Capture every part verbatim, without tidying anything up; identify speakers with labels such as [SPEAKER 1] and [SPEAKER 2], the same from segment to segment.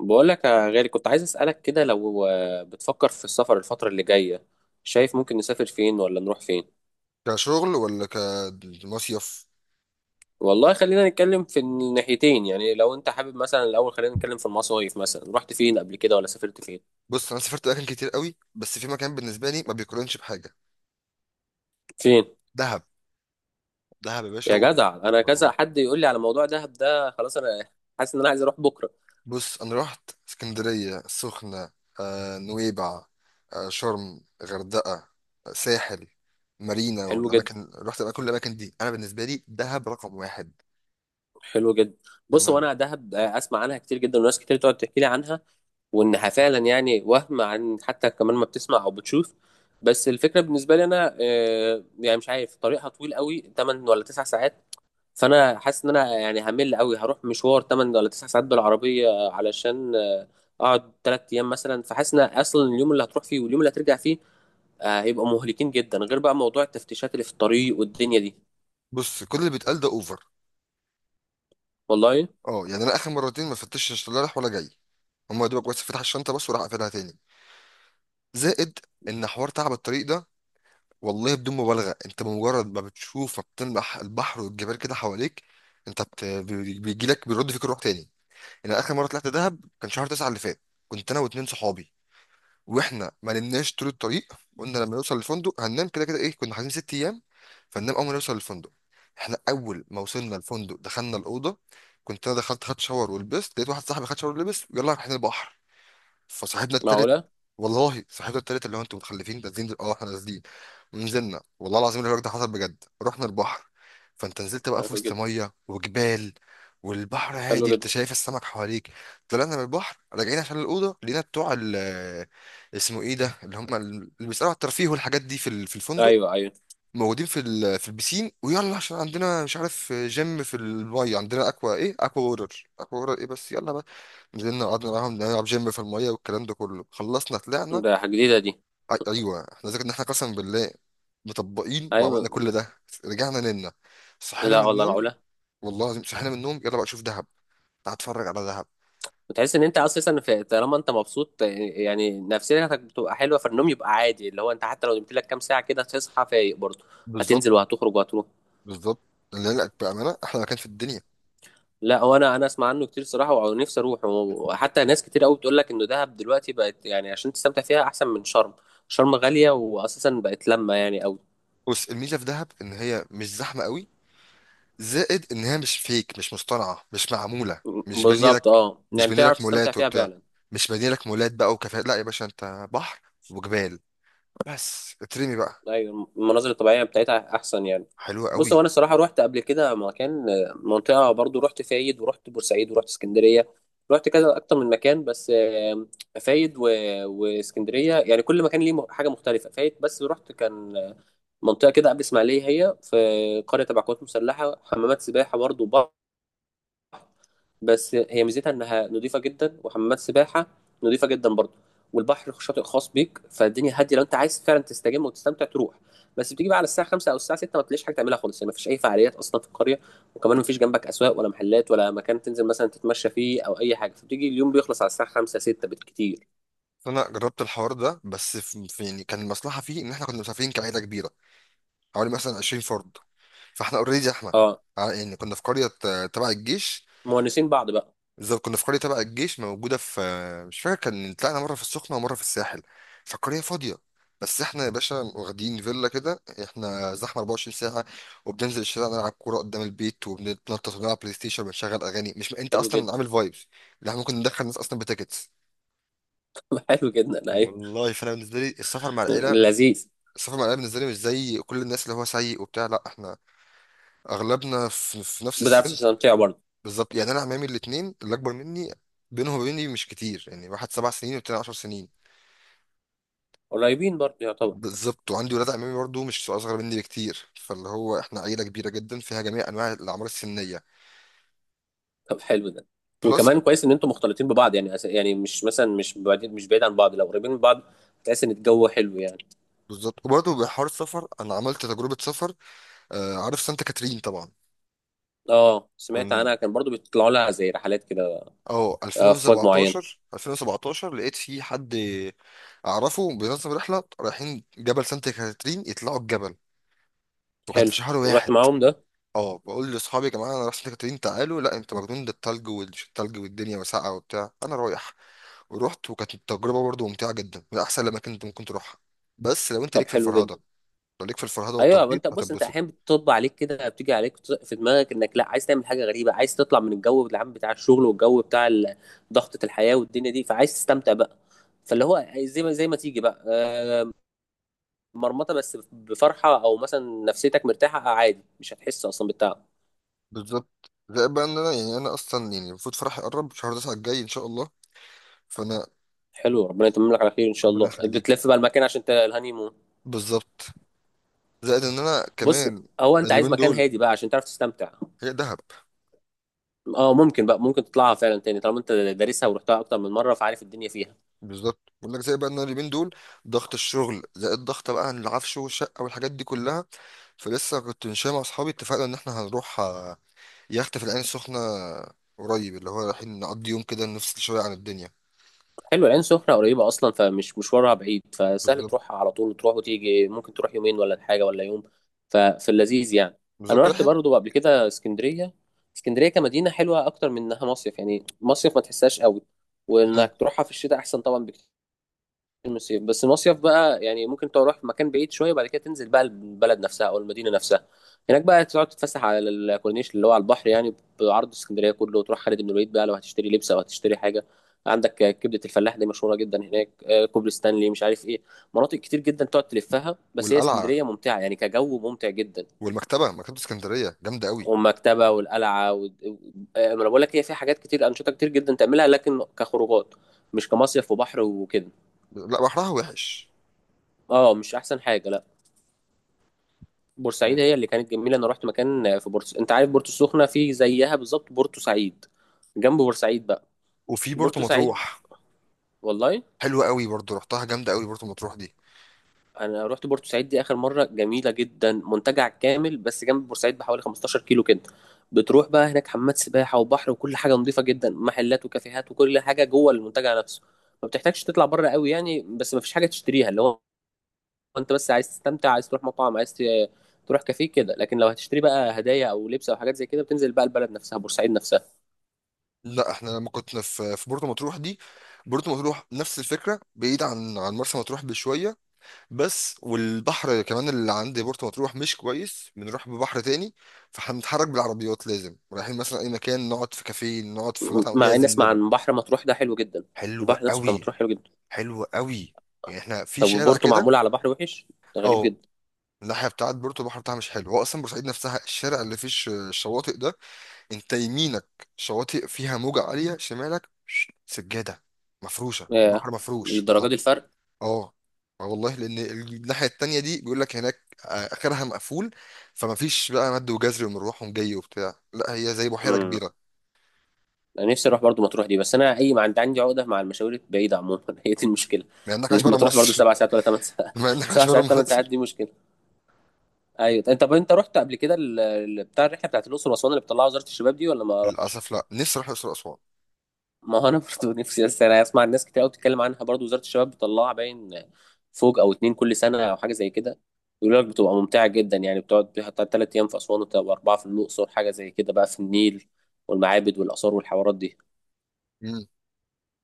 [SPEAKER 1] بقول لك يا غالي، كنت عايز أسألك كده. لو آه، بتفكر في السفر الفترة اللي جاية، شايف ممكن نسافر فين ولا نروح فين؟
[SPEAKER 2] كشغل ولا كمصيف.
[SPEAKER 1] والله خلينا نتكلم في الناحيتين، يعني لو انت حابب مثلا الأول خلينا نتكلم في المصايف. مثلا رحت فين قبل كده، ولا سافرت فين؟
[SPEAKER 2] بص انا سافرت اماكن كتير قوي، بس في مكان بالنسبه لي ما بيقارنش بحاجه.
[SPEAKER 1] فين؟
[SPEAKER 2] دهب. دهب يا باشا
[SPEAKER 1] يا
[SPEAKER 2] و...
[SPEAKER 1] جدع انا كذا حد يقول لي على موضوع دهب ده، خلاص انا حاسس ان انا عايز اروح بكرة.
[SPEAKER 2] بص انا رحت اسكندريه، السخنه، آه، نويبع، آه، شرم، غردقه، آه، ساحل، مارينا
[SPEAKER 1] حلو جدا.
[SPEAKER 2] والاماكن. رحت بقى كل الاماكن دي، انا بالنسبه لي دهب رقم واحد.
[SPEAKER 1] حلو جدا. بص،
[SPEAKER 2] انا
[SPEAKER 1] وانا دهب آه، اسمع عنها كتير جدا، وناس كتير تقعد تحكي لي عنها، وانها فعلا يعني وهم عن حتى كمان ما بتسمع او بتشوف. بس الفكره بالنسبه لي انا آه، يعني مش عارف، طريقها طويل قوي، تمن ولا تسع ساعات. فانا حاسس ان انا يعني همل قوي هروح مشوار تمن ولا تسع ساعات بالعربيه، علشان آه، اقعد تلات ايام مثلا. فحاسس ان اصلا اليوم اللي هتروح فيه واليوم اللي هترجع فيه آه، هيبقى مهلكين جدا، غير بقى موضوع التفتيشات اللي في الطريق والدنيا دي.
[SPEAKER 2] بص كل اللي بيتقال ده اوفر.
[SPEAKER 1] والله؟
[SPEAKER 2] اه يعني انا اخر مرتين ما فتشتش لا رايح ولا جاي. هما يا دوبك بس فتح الشنطه بس وراح قافلها تاني. زائد ان حوار تعب الطريق ده، والله بدون مبالغة انت بمجرد ما بتشوف بتلمح البحر والجبال كده حواليك، انت بت... بي- بيجيلك بيرد فيك الروح تاني. انا اخر مرة طلعت دهب كان شهر تسعة اللي فات. كنت انا واتنين صحابي، واحنا ما نمناش طول الطريق. قلنا لما نوصل الفندق هننام، كده كده ايه كنا حاجزين ست ايام فننام اول ما نوصل الفندق. احنا اول ما وصلنا الفندق دخلنا الاوضة، كنت انا دخلت خدت شاور ولبست، لقيت واحد صاحبي خد شاور ولبس، يلا احنا البحر. فصاحبنا التالت،
[SPEAKER 1] معقوله.
[SPEAKER 2] والله صاحبنا التالت اللي هو انتوا متخلفين نازلين دل- اه احنا نازلين. ونزلنا والله العظيم الحوار ده حصل بجد، رحنا البحر. فانت نزلت بقى في
[SPEAKER 1] حلو
[SPEAKER 2] وسط
[SPEAKER 1] جدا.
[SPEAKER 2] ميه وجبال، والبحر
[SPEAKER 1] حلو
[SPEAKER 2] هادي انت
[SPEAKER 1] جدا.
[SPEAKER 2] شايف السمك حواليك. طلعنا من البحر راجعين عشان الاوضه، لقينا بتوع ال اسمه ايه ده، اللي هم اللي بيسالوا على الترفيه والحاجات دي في ال- في الفندق،
[SPEAKER 1] ايوه، ايوه.
[SPEAKER 2] موجودين في ال- في البسين، ويلا عشان عندنا مش عارف جيم في الميه، عندنا اكوا ايه اكوا وورر اكوا وورر ايه بس يلا. نزلنا قعدنا معاهم نلعب جيم في المية والكلام ده كله، خلصنا طلعنا.
[SPEAKER 1] ده حاجه جديده دي؟
[SPEAKER 2] أي- أيوة احنا ذاكر إن احنا قسم بالله مطبقين وعملنا
[SPEAKER 1] ايوه.
[SPEAKER 2] كل ده. رجعنا نمنا، صحينا
[SPEAKER 1] لا
[SPEAKER 2] من
[SPEAKER 1] والله،
[SPEAKER 2] النوم،
[SPEAKER 1] معقوله.
[SPEAKER 2] والله العظيم صحينا من النوم يلا بقى شوف دهب، تعال اتفرج على دهب.
[SPEAKER 1] وتحس ان انت اساسا في، طالما انت مبسوط يعني نفسيتك بتبقى حلوه فالنوم يبقى عادي، اللي هو انت حتى لو نمت لك كام ساعه كده هتصحى فايق برضه.
[SPEAKER 2] بالظبط.
[SPEAKER 1] هتنزل وهتخرج وهتروح.
[SPEAKER 2] بالظبط. اللي قالك بأمانة أحلى مكان في الدنيا.
[SPEAKER 1] لا، وانا انا اسمع عنه كتير صراحه ونفسي اروح، وحتى ناس كتير قوي بتقول لك انه دهب دلوقتي بقت يعني عشان تستمتع فيها احسن من شرم. شرم غاليه واساسا بقت، لما يعني او.
[SPEAKER 2] بص الميزة في دهب إن هي مش زحمة قوي، زائد إن هي مش فيك، مش مصطنعة، مش معمولة، مش بانية
[SPEAKER 1] بالظبط.
[SPEAKER 2] لك.
[SPEAKER 1] اه
[SPEAKER 2] مش
[SPEAKER 1] يعني
[SPEAKER 2] بانية
[SPEAKER 1] تعرف
[SPEAKER 2] لك
[SPEAKER 1] تستمتع
[SPEAKER 2] مولات
[SPEAKER 1] فيها
[SPEAKER 2] وبتاع،
[SPEAKER 1] فعلا.
[SPEAKER 2] مش بانية لك مولات بقى وكافيهات. لا يا باشا، أنت بحر وجبال، بس اترمي بقى.
[SPEAKER 1] ايوه، المناظر الطبيعيه بتاعتها احسن يعني.
[SPEAKER 2] حلو
[SPEAKER 1] بص
[SPEAKER 2] قوي.
[SPEAKER 1] هو انا الصراحه رحت قبل كده مكان، منطقه. برضو رحت فايد، ورحت بورسعيد، ورحت اسكندريه. رحت كذا اكتر من مكان، بس آم، فايد و... واسكندريه، يعني كل مكان ليه م- حاجه مختلفه. فايد بس رحت، كان منطقه كده قبل اسماعيليه، هي في قريه تبع قوات مسلحه، حمامات سباحه برضو. بس هي ميزتها انها نظيفه جدا، وحمامات سباحه نظيفه جدا برضه، والبحر شاطئ خاص بيك. فالدنيا هاديه، لو انت عايز فعلا تستجم وتستمتع تروح. بس بتيجي بقى على الساعه خمسة او الساعه ستة ما تلاقيش حاجه تعملها خالص، يعني ما فيش اي فعاليات اصلا في القريه. وكمان ما فيش جنبك اسواق ولا محلات ولا مكان تنزل مثلا تتمشى فيه او اي حاجه، فبتيجي اليوم بيخلص على الساعه خمسة، ستة بالكتير.
[SPEAKER 2] فانا جربت الحوار ده بس في في- يعني كان المصلحه فيه ان احنا كنا مسافرين كعيله كبيره، حوالي مثلا عشرين فرد. فاحنا اوريدي احنا
[SPEAKER 1] اه
[SPEAKER 2] ع- يعني كنا في قريه آه، تبع الجيش.
[SPEAKER 1] مونسين بعض بقى.
[SPEAKER 2] بالظبط كنا في قريه تبع الجيش موجوده في، آه، مش فاكر، كان طلعنا مره في السخنه ومره في الساحل. فالقريه فاضيه، بس احنا يا باشا واخدين فيلا كده، احنا زحمه أربعة وعشرين ساعه. وبننزل الشارع نلعب كوره قدام البيت وبنتنطط ونلعب بلاي ستيشن وبنشغل اغاني، مش انت
[SPEAKER 1] حلو
[SPEAKER 2] اصلا
[SPEAKER 1] جدا.
[SPEAKER 2] عامل فايبس اللي احنا ممكن ندخل الناس اصلا بتيكتس.
[SPEAKER 1] حلو جدا. ايوه.
[SPEAKER 2] والله فانا بالنسبه لي السفر مع العيله،
[SPEAKER 1] لذيذ.
[SPEAKER 2] صف المعلمين بالنسبه لي مش زي كل الناس اللي هو سيء وبتاع. لا احنا اغلبنا في, في نفس
[SPEAKER 1] بتعرف
[SPEAKER 2] السن.
[SPEAKER 1] تستمتع برضه.
[SPEAKER 2] بالظبط، يعني انا عمامي الاثنين اللي اكبر مني بينهم وبيني مش كتير، يعني واحد سبع سنين والتاني عشر سنين.
[SPEAKER 1] قريبين برضه يعتبر.
[SPEAKER 2] بالظبط وعندي ولاد عمامي برضه مش اصغر مني بكتير، فاللي هو احنا عيله كبيره جدا فيها جميع انواع الاعمار السنيه.
[SPEAKER 1] طب حلو ده.
[SPEAKER 2] بلس.
[SPEAKER 1] وكمان كويس ان انتوا مختلطين ببعض، يعني أس- يعني مش مثلا، مش بعيد مش بعيد عن بعض، لو قريبين من بعض هتحس ان الجو حلو يعني.
[SPEAKER 2] بالظبط وبرضه بحوار السفر انا عملت تجربه سفر. آه، عارف سانتا كاترين طبعا.
[SPEAKER 1] اه سمعت
[SPEAKER 2] كن
[SPEAKER 1] عنها، كان برضو بيطلعوا لها زي رحلات كده،
[SPEAKER 2] اه
[SPEAKER 1] افواج معينه.
[SPEAKER 2] ألفين وسبعتاشر. ألفين وسبعة عشر لقيت في حد اعرفه بينظم رحله، رايحين جبل سانت كاترين يطلعوا الجبل، وكان
[SPEAKER 1] حلو.
[SPEAKER 2] في شهر
[SPEAKER 1] ورحت
[SPEAKER 2] واحد.
[SPEAKER 1] معاهم ده؟
[SPEAKER 2] اه، بقول لاصحابي يا جماعه انا رايح سانت كاترين، تعالوا. لا انت مجنون، ده التلج والتلج والدنيا وسقعه وبتاع. انا رايح. ورحت وكانت التجربه برضه ممتعه جدا، من احسن الاماكن اللي ممكن تروحها. بس لو انت
[SPEAKER 1] طب
[SPEAKER 2] ليك في
[SPEAKER 1] حلو جدا.
[SPEAKER 2] الفرهده، لو ليك في الفرهده
[SPEAKER 1] ايوه ما
[SPEAKER 2] والتطبيط
[SPEAKER 1] انت، بص انت
[SPEAKER 2] هتتبسط.
[SPEAKER 1] احيانا بتطب عليك كده، بتيجي عليك بت- في دماغك انك لا عايز تعمل حاجه غريبه، عايز تطلع من الجو العام بتاع الشغل والجو بتاع ال- ضغطه الحياه والدنيا دي، فعايز تستمتع بقى. فاللي هو زي ما زي ما تيجي بقى آه، مرمطه بس بفرحه، او مثلا نفسيتك مرتاحه عادي مش هتحس اصلا بالتعب.
[SPEAKER 2] بالظبط، زي بقى ان انا يعني انا اصلا يعني المفروض فرحي يقرب شهر تسعة الجاي ان شاء الله فانا.
[SPEAKER 1] حلو، ربنا يتمم لك على خير ان شاء
[SPEAKER 2] ربنا
[SPEAKER 1] الله.
[SPEAKER 2] يخليك.
[SPEAKER 1] بتلف بقى المكان عشان ت- الهانيمون؟
[SPEAKER 2] بالظبط. زائد ان انا
[SPEAKER 1] بص،
[SPEAKER 2] كمان
[SPEAKER 1] هو انت عايز
[SPEAKER 2] اليومين
[SPEAKER 1] مكان
[SPEAKER 2] دول،
[SPEAKER 1] هادي بقى عشان تعرف تستمتع.
[SPEAKER 2] هي دهب.
[SPEAKER 1] اه ممكن بقى، ممكن تطلعها فعلا تاني طالما انت دارسها ورحتها اكتر من مره، فعارف الدنيا فيها.
[SPEAKER 2] بالظبط بقول لك زي بقى ان أنا اليومين دول ضغط الشغل زائد ضغط بقى العفش والشقه والحاجات دي كلها. فلسه كنت ماشي مع اصحابي، اتفقنا ان احنا هنروح آه، يخت في العين السخنه قريب، اللي هو رايحين نقضي يوم كده نفصل شويه عن الدنيا.
[SPEAKER 1] حلو، العين سخنة قريبة أصلا، فمش مشوارها بعيد، فسهل
[SPEAKER 2] بالظبط.
[SPEAKER 1] تروحها على طول، تروح وتيجي، ممكن تروح يومين ولا حاجة ولا يوم. ففي اللذيذ يعني. أنا
[SPEAKER 2] بالظبط
[SPEAKER 1] رحت
[SPEAKER 2] رايحين.
[SPEAKER 1] برضه قبل كده اسكندرية. اسكندرية كمدينة حلوة أكتر من إنها مصيف، يعني مصيف ما تحسهاش قوي،
[SPEAKER 2] مم.
[SPEAKER 1] وإنك تروحها في الشتاء أحسن طبعا بكتير. المصيف، بس المصيف بقى يعني ممكن تروح مكان بعيد شويه، بعد كده تنزل بقى البلد نفسها او المدينه نفسها. هناك بقى تقعد تتفسح على الكورنيش اللي هو على البحر يعني، بعرض اسكندريه كله. وتروح خالد بن الوليد بقى، لو هتشتري لبس او هتشتري حاجه. عندك كبده الفلاح دي مشهوره جدا هناك، آه، كوبري ستانلي، مش عارف ايه. مناطق كتير جدا تقعد تلفها. بس هي
[SPEAKER 2] والقلعه
[SPEAKER 1] اسكندريه ممتعه يعني، كجو ممتع جدا.
[SPEAKER 2] والمكتبه، مكتبه اسكندريه جامده قوي.
[SPEAKER 1] والمكتبه والقلعه و... آه، ما انا بقول لك هي فيها حاجات كتير، انشطه كتير جدا تعملها، لكن كخروجات، مش كمصيف وبحر وكده.
[SPEAKER 2] لا بحرها وحش.
[SPEAKER 1] اه مش احسن حاجه، لا. بورسعيد
[SPEAKER 2] مم.
[SPEAKER 1] هي اللي كانت جميله. انا رحت مكان في بورس انت عارف بورتو السخنه؟ في زيها بالظبط، بورتو سعيد، جنب بورسعيد بقى.
[SPEAKER 2] وفي بورتو
[SPEAKER 1] بورتو سعيد،
[SPEAKER 2] مطروح.
[SPEAKER 1] والله.
[SPEAKER 2] حلوه قوي برضو، رحتها جامده قوي بورتو مطروح دي.
[SPEAKER 1] انا رحت بورتو سعيد دي اخر مره، جميله جدا، منتجع كامل بس جنب بورسعيد بحوالي خمستاشر كيلو كده. بتروح بقى هناك حمامات سباحه وبحر وكل حاجه نظيفه جدا، محلات وكافيهات وكل حاجه جوه المنتجع نفسه. ما بتحتاجش تطلع بره قوي يعني، بس ما فيش حاجه تشتريها، اللي هو انت بس عايز تستمتع، عايز تروح مطعم، عايز ت- تروح كافيه كده. لكن لو هتشتري بقى هدايا او لبس او حاجات زي كده، بتنزل بقى البلد نفسها، بورسعيد نفسها.
[SPEAKER 2] لا احنا لما كنا في في بورتو مطروح دي، بورتو مطروح نفس الفكره، بعيد عن عن مرسى مطروح بشويه بس، والبحر كمان اللي عند بورتو مطروح مش كويس، بنروح ببحر تاني فهنتحرك بالعربيات. لازم رايحين مثلا اي مكان نقعد في كافيه نقعد في مطعم
[SPEAKER 1] مع اني
[SPEAKER 2] لازم
[SPEAKER 1] اسمع
[SPEAKER 2] نبقى.
[SPEAKER 1] عن بحر مطروح ده حلو جدا.
[SPEAKER 2] حلوه
[SPEAKER 1] البحر نفسه بتاع
[SPEAKER 2] قوي.
[SPEAKER 1] مطروح حلو جدا.
[SPEAKER 2] حلوه قوي. يعني احنا في
[SPEAKER 1] طب
[SPEAKER 2] شارع
[SPEAKER 1] وبورتو
[SPEAKER 2] كده.
[SPEAKER 1] معمولة على بحر وحش؟ ده غريب
[SPEAKER 2] اه،
[SPEAKER 1] جدا.
[SPEAKER 2] الناحيه بتاعت بورتو البحر بتاعها مش حلو، هو اصلا بورسعيد نفسها الشارع اللي فيه الش- الشواطئ ده، انت يمينك شواطئ فيها موجة عالية، شمالك سجادة مفروشة، البحر
[SPEAKER 1] ياه،
[SPEAKER 2] مفروش
[SPEAKER 1] للدرجة
[SPEAKER 2] والله.
[SPEAKER 1] دي الفرق؟
[SPEAKER 2] اه. اه والله، لان الناحية التانية دي بيقول لك هناك، آه، اخرها مقفول، فما فيش بقى مد وجزر ومروح ومجي وبتاع، لا هي زي بحيرة
[SPEAKER 1] امم.
[SPEAKER 2] كبيرة.
[SPEAKER 1] انا نفسي اروح برضو مطروح دي، بس انا اي ما عندي عندي عقدة مع المشاوير البعيدة عموما. هي دي المشكلة.
[SPEAKER 2] مع انك عايش بره
[SPEAKER 1] لما تروح برضو
[SPEAKER 2] مصر
[SPEAKER 1] سبع ساعات ولا ثمان ساعات
[SPEAKER 2] مع انك عايش
[SPEAKER 1] سبع
[SPEAKER 2] بره
[SPEAKER 1] ساعات ثمان ساعات،
[SPEAKER 2] مصر.
[SPEAKER 1] دي مشكلة. ايوه انت، طب انت رحت قبل كده ال- ال- بتاع الرحلة بتاعت الأقصر وأسوان اللي بتطلعها وزارة الشباب دي، ولا ما رحتش؟
[SPEAKER 2] للاسف لا، نفسي اروح الاقصر واسوان.
[SPEAKER 1] ما هو انا برضو نفسي، بس انا اسمع الناس كتير قوي بتتكلم عنها برضو، وزارة الشباب بتطلعها باين فوق او اتنين كل سنه او حاجه زي كده. يقول لك بتبقى ممتعه جدا، يعني بتقعد فيها ثلاث ايام في اسوان، وتبقى اربعه في الاقصر، حاجه زي كده بقى، في النيل والمعابد والاثار والحوارات دي.
[SPEAKER 2] امم.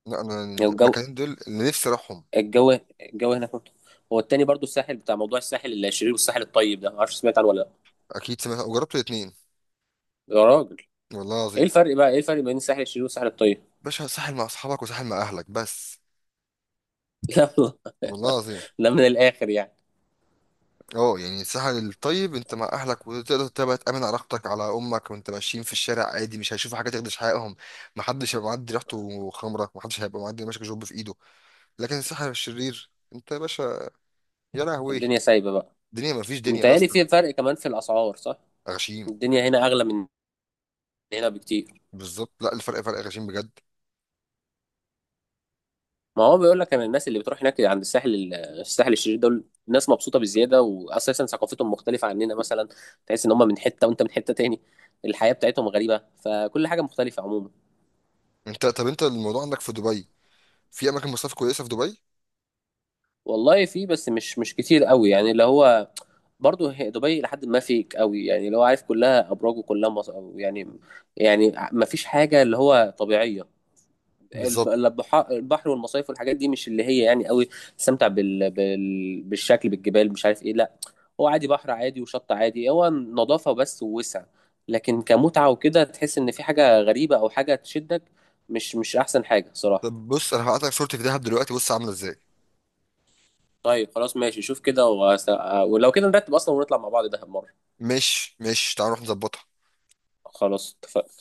[SPEAKER 2] لا انا
[SPEAKER 1] يعني الجو
[SPEAKER 2] المكانين دول اللي نفسي اروحهم.
[SPEAKER 1] الجو الجو هناك ممتع. هو التاني برضو الساحل، بتاع موضوع الساحل الشرير والساحل الطيب ده، ما اعرفش سمعت عنه ولا لا.
[SPEAKER 2] اكيد سمعت وجربت الاثنين.
[SPEAKER 1] يا راجل،
[SPEAKER 2] والله
[SPEAKER 1] ايه
[SPEAKER 2] العظيم.
[SPEAKER 1] الفرق بقى ايه الفرق بين الساحل الشرير والساحل الطيب؟
[SPEAKER 2] باشا ساحل مع اصحابك وساحل مع اهلك بس.
[SPEAKER 1] لا والله.
[SPEAKER 2] والله العظيم.
[SPEAKER 1] ده من الاخر يعني.
[SPEAKER 2] اه يعني الساحل الطيب انت مع اهلك وتقدر تبقى تامن علاقتك على امك، وانت ماشيين في الشارع عادي، مش هيشوفوا حاجه تخدش حقهم، محدش هيبقى معدي ريحته خمره، محدش هيبقى معدي ماسك جوب في ايده. لكن الساحل الشرير انت يا باشا، يا لهوي.
[SPEAKER 1] الدنيا سايبه بقى؟
[SPEAKER 2] الدنيا مفيش دنيا
[SPEAKER 1] متهيألي
[SPEAKER 2] اصلا.
[SPEAKER 1] في فرق كمان في الاسعار، صح؟
[SPEAKER 2] غشيم.
[SPEAKER 1] الدنيا هنا اغلى من هنا بكتير.
[SPEAKER 2] بالظبط، لا الفرق فرق غشيم بجد.
[SPEAKER 1] ما هو بيقول لك، انا الناس اللي بتروح هناك عند الساحل ال- الساحل الشرير دول ناس مبسوطه بزياده، واساسا ثقافتهم مختلفه عننا مثلا. تحس ان هم من حته وانت من حته تاني، الحياه بتاعتهم غريبه، فكل حاجه مختلفه عموما.
[SPEAKER 2] انت طب انت الموضوع عندك في دبي، في اماكن مصيف كويسه في دبي.
[SPEAKER 1] والله في، بس مش مش كتير قوي يعني، اللي هو برضه هي دبي لحد ما فيك قوي يعني، اللي هو عارف كلها ابراج وكلها مص... يعني، يعني ما فيش حاجه اللي هو طبيعيه. الب-
[SPEAKER 2] بالظبط.
[SPEAKER 1] البحا- البحر والمصايف والحاجات دي مش اللي هي يعني قوي تستمتع بال... بال... بالشكل بالجبال، مش عارف ايه، لا. هو عادي، بحر عادي وشط عادي، هو نظافة بس ووسع. لكن كمتعة وكده تحس ان في حاجة غريبة او حاجة تشدك، مش مش احسن حاجة صراحة.
[SPEAKER 2] طب بص انا هبعت لك صورتي في دهب دلوقتي، بص عامله ازاي.
[SPEAKER 1] طيب خلاص ماشي، شوف كده وأس... ولو كده نرتب اصلا ونطلع مع بعض دهب مرة.
[SPEAKER 2] مش مش تعال نروح نظبطها.
[SPEAKER 1] خلاص اتفقنا.